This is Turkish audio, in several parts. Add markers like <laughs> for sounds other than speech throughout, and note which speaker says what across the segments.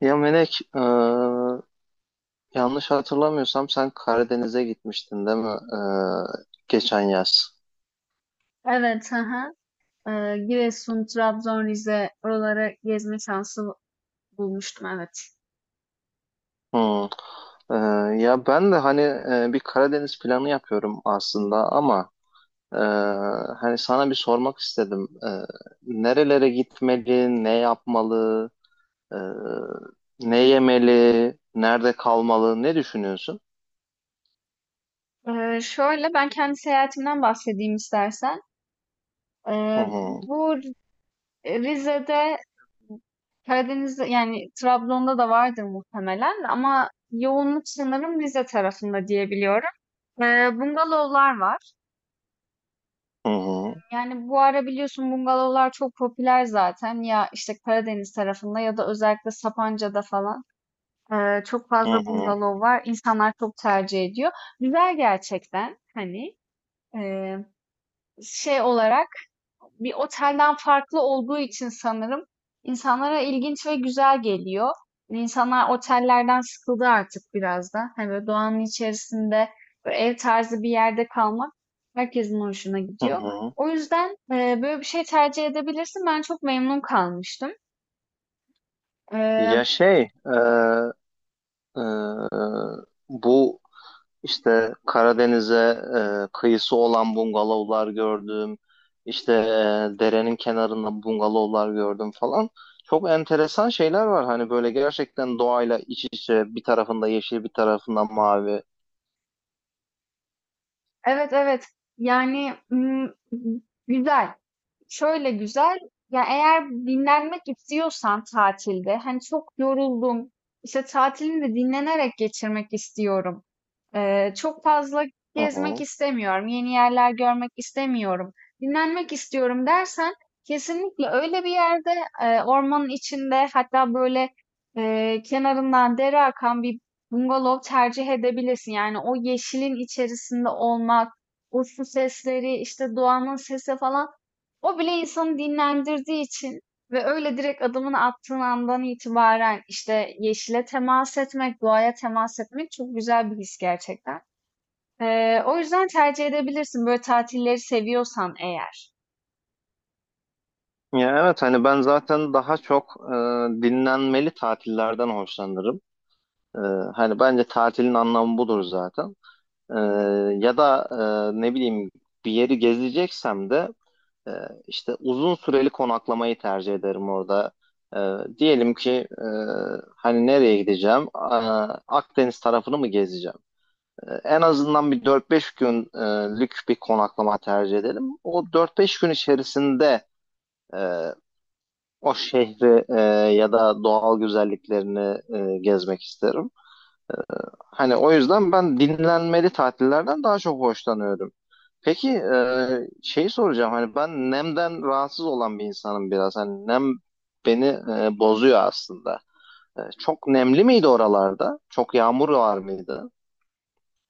Speaker 1: Ya Melek, yanlış hatırlamıyorsam sen Karadeniz'e gitmiştin değil mi? Geçen yaz.
Speaker 2: Evet, hı hı. Giresun, Trabzon, Rize oraları gezme şansı bulmuştum evet.
Speaker 1: Hmm. E, ya ben de hani bir Karadeniz planı yapıyorum aslında ama e, hani sana bir sormak istedim. Nerelere gitmeli, ne yapmalı, e, ne yemeli, nerede kalmalı, ne düşünüyorsun?
Speaker 2: Şöyle ben kendi seyahatimden bahsedeyim istersen.
Speaker 1: Hı
Speaker 2: Ee,
Speaker 1: hı,
Speaker 2: Bu Rize'de Karadeniz'de yani Trabzon'da da vardır muhtemelen ama yoğunluk sanırım Rize tarafında diyebiliyorum. Ee, Bungalovlar var.
Speaker 1: hı hı,
Speaker 2: Yani bu ara biliyorsun bungalovlar çok popüler zaten ya işte Karadeniz tarafında ya da özellikle Sapanca'da falan. Çok
Speaker 1: hı
Speaker 2: fazla
Speaker 1: hı,
Speaker 2: bungalov var. İnsanlar çok tercih ediyor. Güzel gerçekten. Hani eee, şey olarak bir otelden farklı olduğu için sanırım insanlara ilginç ve güzel geliyor. İnsanlar otellerden sıkıldı artık biraz da. Hani böyle doğanın içerisinde böyle ev tarzı bir yerde kalmak herkesin hoşuna
Speaker 1: hı
Speaker 2: gidiyor.
Speaker 1: hı.
Speaker 2: O yüzden böyle bir şey tercih edebilirsin. Ben çok memnun kalmıştım. Eee,
Speaker 1: Ya şey, e, bu İşte Karadeniz'e kıyısı olan bungalovlar gördüm. İşte derenin kenarında bungalovlar gördüm falan. Çok enteresan şeyler var. Hani böyle gerçekten doğayla iç içe, bir tarafında yeşil bir tarafında mavi.
Speaker 2: evet evet. Yani mm, Güzel. Şöyle güzel, ya eğer dinlenmek istiyorsan tatilde, hani çok yoruldum, işte tatilini de dinlenerek geçirmek istiyorum. Çok fazla
Speaker 1: Hı
Speaker 2: gezmek
Speaker 1: hı.
Speaker 2: istemiyorum, yeni yerler görmek istemiyorum, dinlenmek istiyorum dersen kesinlikle öyle bir yerde ormanın içinde hatta böyle kenarından dere akan bir bungalov tercih edebilirsin. Yani o yeşilin içerisinde olmak, o su sesleri, işte doğanın sesi falan o bile insanı dinlendirdiği için ve öyle direkt adımını attığın andan itibaren işte yeşile temas etmek, doğaya temas etmek çok güzel bir his gerçekten. O yüzden tercih edebilirsin böyle tatilleri seviyorsan eğer.
Speaker 1: Ya evet, hani ben zaten daha çok dinlenmeli tatillerden hoşlanırım. E, Hani bence tatilin anlamı budur zaten. E, Ya da ne bileyim, bir yeri gezeceksem de Ee, işte uzun süreli konaklamayı tercih ederim orada. Diyelim ki e, hani nereye gideceğim? Aa, Akdeniz tarafını mı gezeceğim? En azından bir dört beş günlük bir konaklama tercih edelim. O dört beş gün içerisinde e, o şehri, ya da doğal güzelliklerini gezmek isterim. Hani o yüzden ben dinlenmeli tatillerden daha çok hoşlanıyorum. Peki şeyi soracağım, hani ben nemden rahatsız olan bir insanım biraz. Hani nem beni bozuyor aslında. Çok nemli miydi oralarda? Çok yağmur var mıydı?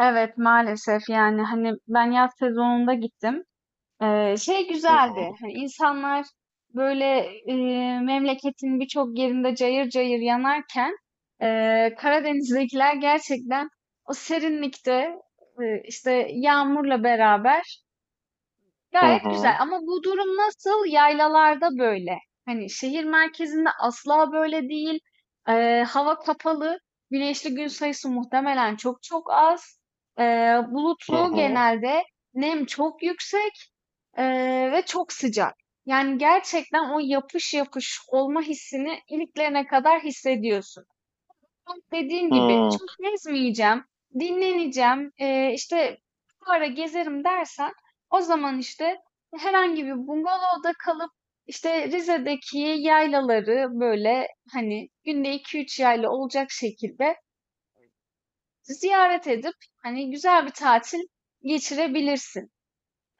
Speaker 2: Evet maalesef yani hani ben yaz sezonunda gittim. Şey
Speaker 1: Hı hı,
Speaker 2: güzeldi hani insanlar böyle e, memleketin birçok yerinde cayır cayır yanarken e, Karadeniz'dekiler gerçekten o serinlikte işte yağmurla beraber
Speaker 1: hı
Speaker 2: gayet güzel ama bu durum nasıl? Yaylalarda böyle. Hani şehir merkezinde asla böyle değil. Hava kapalı. Güneşli gün sayısı muhtemelen çok çok az. Ee,
Speaker 1: hı,
Speaker 2: Bulutlu
Speaker 1: hı.
Speaker 2: genelde. Nem çok yüksek ve çok sıcak. Yani gerçekten o yapış yapış olma hissini iliklerine kadar hissediyorsun. Tam dediğin gibi
Speaker 1: Hı,
Speaker 2: çok gezmeyeceğim, dinleneceğim, işte bu ara gezerim dersen o zaman işte herhangi bir bungalovda kalıp işte Rize'deki yaylaları böyle hani günde iki üç yayla olacak şekilde ziyaret edip hani güzel bir tatil geçirebilirsin.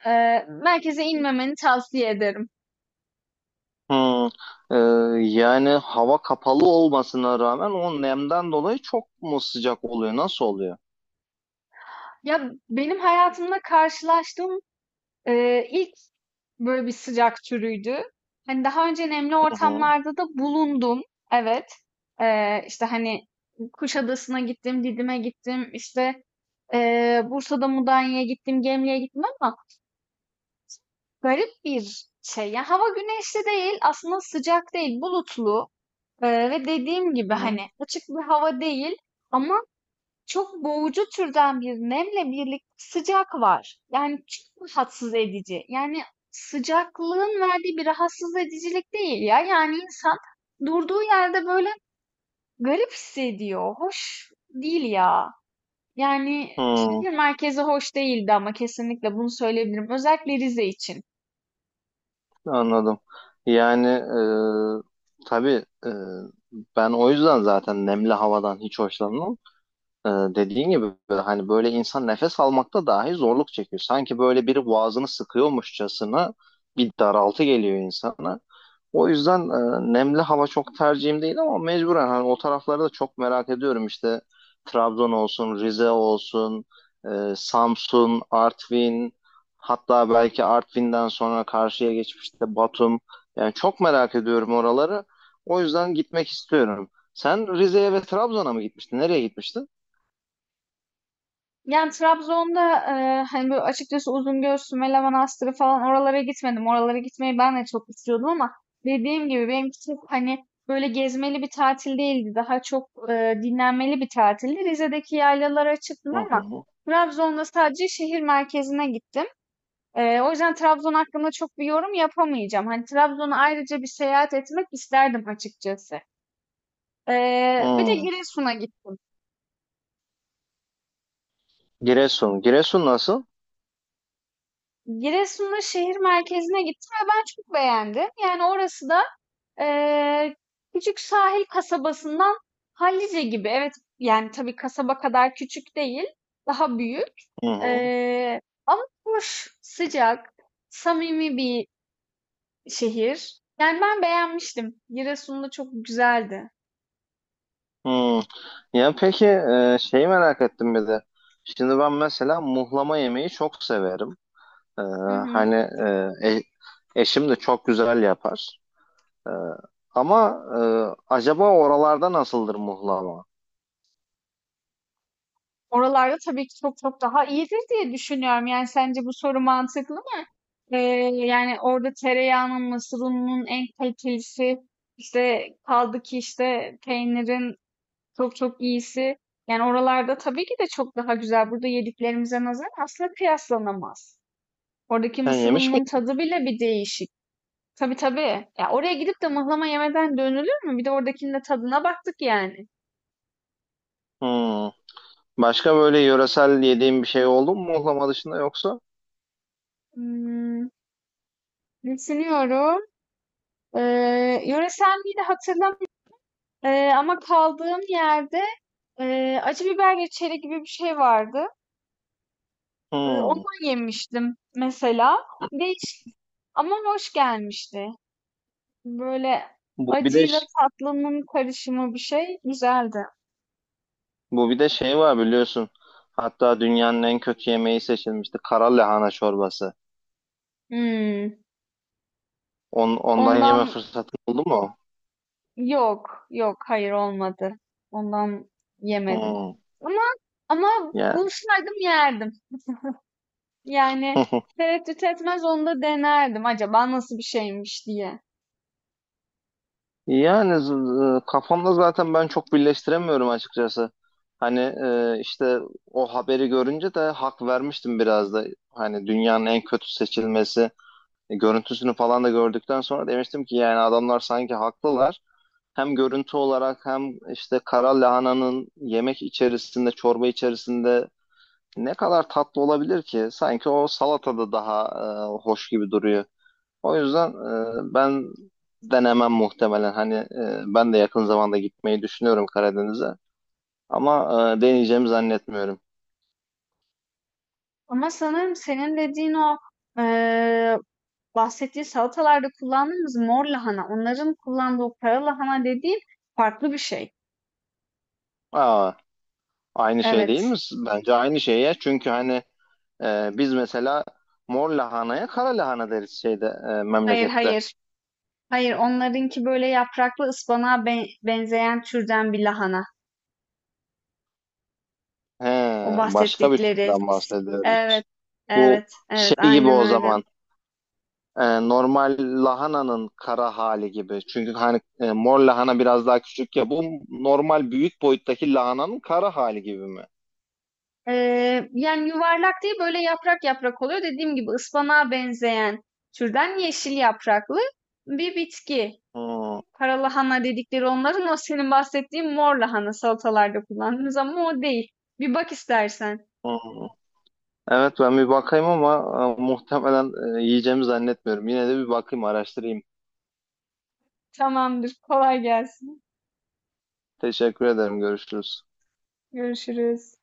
Speaker 2: Merkeze inmemeni tavsiye ederim.
Speaker 1: hı. E, Yani hava kapalı olmasına rağmen o nemden dolayı çok mu sıcak oluyor? Nasıl oluyor?
Speaker 2: Ya benim hayatımda karşılaştığım ilk böyle bir sıcak türüydü. Hani daha önce nemli
Speaker 1: Hı hı,
Speaker 2: ortamlarda da bulundum. Evet. İşte hani Kuşadası'na gittim, Didim'e gittim, işte Bursa'da Mudanya'ya gittim, Gemli'ye gittim ama garip bir şey. Yani hava güneşli değil, aslında sıcak değil, bulutlu. Ve dediğim gibi
Speaker 1: hı.
Speaker 2: hani açık bir hava değil ama çok boğucu türden bir nemle birlikte sıcak var. Yani çok rahatsız edici. Yani sıcaklığın verdiği bir rahatsız edicilik değil ya. Yani insan durduğu yerde böyle garip hissediyor. Hoş değil ya. Yani
Speaker 1: Hı.
Speaker 2: şehir merkezi hoş değildi ama kesinlikle bunu söyleyebilirim. Özellikle Rize için.
Speaker 1: Anladım. Yani tabii, ben o yüzden zaten nemli havadan hiç hoşlanmam. Dediğin gibi hani böyle insan nefes almakta dahi zorluk çekiyor. Sanki böyle biri boğazını sıkıyormuşçasına bir daraltı geliyor insana. O yüzden nemli hava çok tercihim değil ama mecburen hani o tarafları da çok merak ediyorum. İşte Trabzon olsun, Rize olsun, Samsun, Artvin, hatta belki Artvin'den sonra karşıya geçmişte Batum. Yani çok merak ediyorum oraları. O yüzden gitmek istiyorum. Sen Rize'ye ve Trabzon'a mı gitmiştin? Nereye gitmiştin?
Speaker 2: Yani Trabzon'da, hani, böyle, açıkçası Uzungöl, Sümele Manastırı falan oralara gitmedim. Oralara gitmeyi ben de çok istiyordum ama dediğim gibi benimki çok, hani, böyle, gezmeli bir tatil değildi. Daha çok, dinlenmeli bir tatildi. Rize'deki yaylalara çıktım
Speaker 1: Hı
Speaker 2: ama
Speaker 1: hı.
Speaker 2: Trabzon'da sadece şehir merkezine gittim. O yüzden Trabzon hakkında çok bir yorum yapamayacağım. Hani, Trabzon'a ayrıca bir seyahat etmek isterdim açıkçası. Bir de
Speaker 1: Hmm.
Speaker 2: Giresun'a gittim.
Speaker 1: Giresun. Giresun nasıl?
Speaker 2: Giresun'un şehir merkezine gittim ve ben çok beğendim. Yani orası da eee, küçük sahil kasabasından hallice gibi. Evet yani tabii kasaba kadar küçük değil, daha büyük.
Speaker 1: Hı hı.
Speaker 2: Ama hoş, sıcak, samimi bir şehir. Yani ben beğenmiştim. Giresun'da çok güzeldi.
Speaker 1: Hmm. Ya peki şeyi merak ettim bir de. Şimdi ben mesela muhlama yemeği çok severim. E,
Speaker 2: Hı hı.
Speaker 1: Hani e, e- eşim de çok güzel yapar. E, Ama acaba oralarda nasıldır muhlama?
Speaker 2: Oralarda tabii ki çok çok daha iyidir diye düşünüyorum. Yani sence bu soru mantıklı? Eee, Yani orada tereyağının, mısır ununun en kalitelisi, işte kaldı ki işte peynirin çok çok iyisi. Yani oralarda tabii ki de çok daha güzel. Burada yediklerimize nazaran aslında kıyaslanamaz. Oradaki
Speaker 1: Sen
Speaker 2: mısır
Speaker 1: yemiş
Speaker 2: ununun
Speaker 1: miydin?
Speaker 2: tadı bile bir değişik. Tabii tabii. Ya oraya gidip de mıhlama yemeden dönülür mü? Bir de oradakinin de tadına baktık yani.
Speaker 1: Hmm. Başka böyle yöresel yediğin bir şey oldu mu muhlama dışında yoksa?
Speaker 2: Hmm, düşünüyorum. Yöresel miydi hatırlamıyorum. Ama kaldığım yerde acı biber reçeli gibi bir şey vardı.
Speaker 1: Hmm.
Speaker 2: Ondan yemiştim mesela. Değiş, ama hoş gelmişti. Böyle
Speaker 1: Bu bir de
Speaker 2: acıyla tatlının karışımı bir şey güzeldi.
Speaker 1: Bu bir de şey var biliyorsun. Hatta dünyanın en kötü yemeği seçilmişti. Kara lahana çorbası.
Speaker 2: Hmm,
Speaker 1: On, ondan yeme
Speaker 2: ondan
Speaker 1: fırsatı oldu mu?
Speaker 2: yok, yok, hayır olmadı. Ondan yemedim.
Speaker 1: Hmm,
Speaker 2: Ama ama
Speaker 1: yani.
Speaker 2: bulsaydım yerdim. Yani
Speaker 1: <laughs>
Speaker 2: tereddüt etmez onu da denerdim acaba nasıl bir şeymiş diye.
Speaker 1: Yani kafamda zaten ben çok birleştiremiyorum açıkçası. Hani işte o haberi görünce de hak vermiştim biraz da. Hani dünyanın en kötü seçilmesi. Görüntüsünü falan da gördükten sonra demiştim ki yani adamlar sanki haklılar. Hem görüntü olarak hem işte kara lahananın yemek içerisinde, çorba içerisinde ne kadar tatlı olabilir ki? Sanki o salatada daha hoş gibi duruyor. O yüzden ben denemem muhtemelen. Hani ben de yakın zamanda gitmeyi düşünüyorum Karadeniz'e. Ama deneyeceğimi zannetmiyorum.
Speaker 2: Ama sanırım senin dediğin o eee, bahsettiği salatalarda kullandığımız mor lahana, onların kullandığı o kara lahana dediğin farklı bir şey.
Speaker 1: Aa, aynı şey değil
Speaker 2: Evet.
Speaker 1: mi? Bence aynı şey ya. Çünkü hani biz mesela mor lahanaya kara lahana deriz şeyde,
Speaker 2: Hayır
Speaker 1: memlekette.
Speaker 2: hayır. Hayır onlarınki böyle yapraklı ıspanağa benzeyen türden bir lahana.
Speaker 1: He,
Speaker 2: O
Speaker 1: başka bir
Speaker 2: bahsettikleri.
Speaker 1: türden
Speaker 2: Evet.
Speaker 1: bahsediyoruz. Bu
Speaker 2: Evet. Evet.
Speaker 1: şey gibi
Speaker 2: Aynen
Speaker 1: o
Speaker 2: öyle.
Speaker 1: zaman, normal lahananın kara hali gibi. Çünkü hani mor lahana biraz daha küçük ya. Bu normal büyük boyuttaki lahananın kara hali gibi mi?
Speaker 2: Yani yuvarlak değil böyle yaprak yaprak oluyor. Dediğim gibi ıspanağa benzeyen türden yeşil yapraklı bir bitki.
Speaker 1: Hmm,
Speaker 2: Kara lahana dedikleri onların o senin bahsettiğin mor lahana salatalarda kullandığımız ama o değil. Bir bak istersen.
Speaker 1: hmm. Evet, ben bir bakayım ama muhtemelen yiyeceğimi zannetmiyorum. Yine de bir bakayım, araştırayım.
Speaker 2: Tamamdır. Kolay gelsin.
Speaker 1: Teşekkür ederim. Görüşürüz.
Speaker 2: Görüşürüz.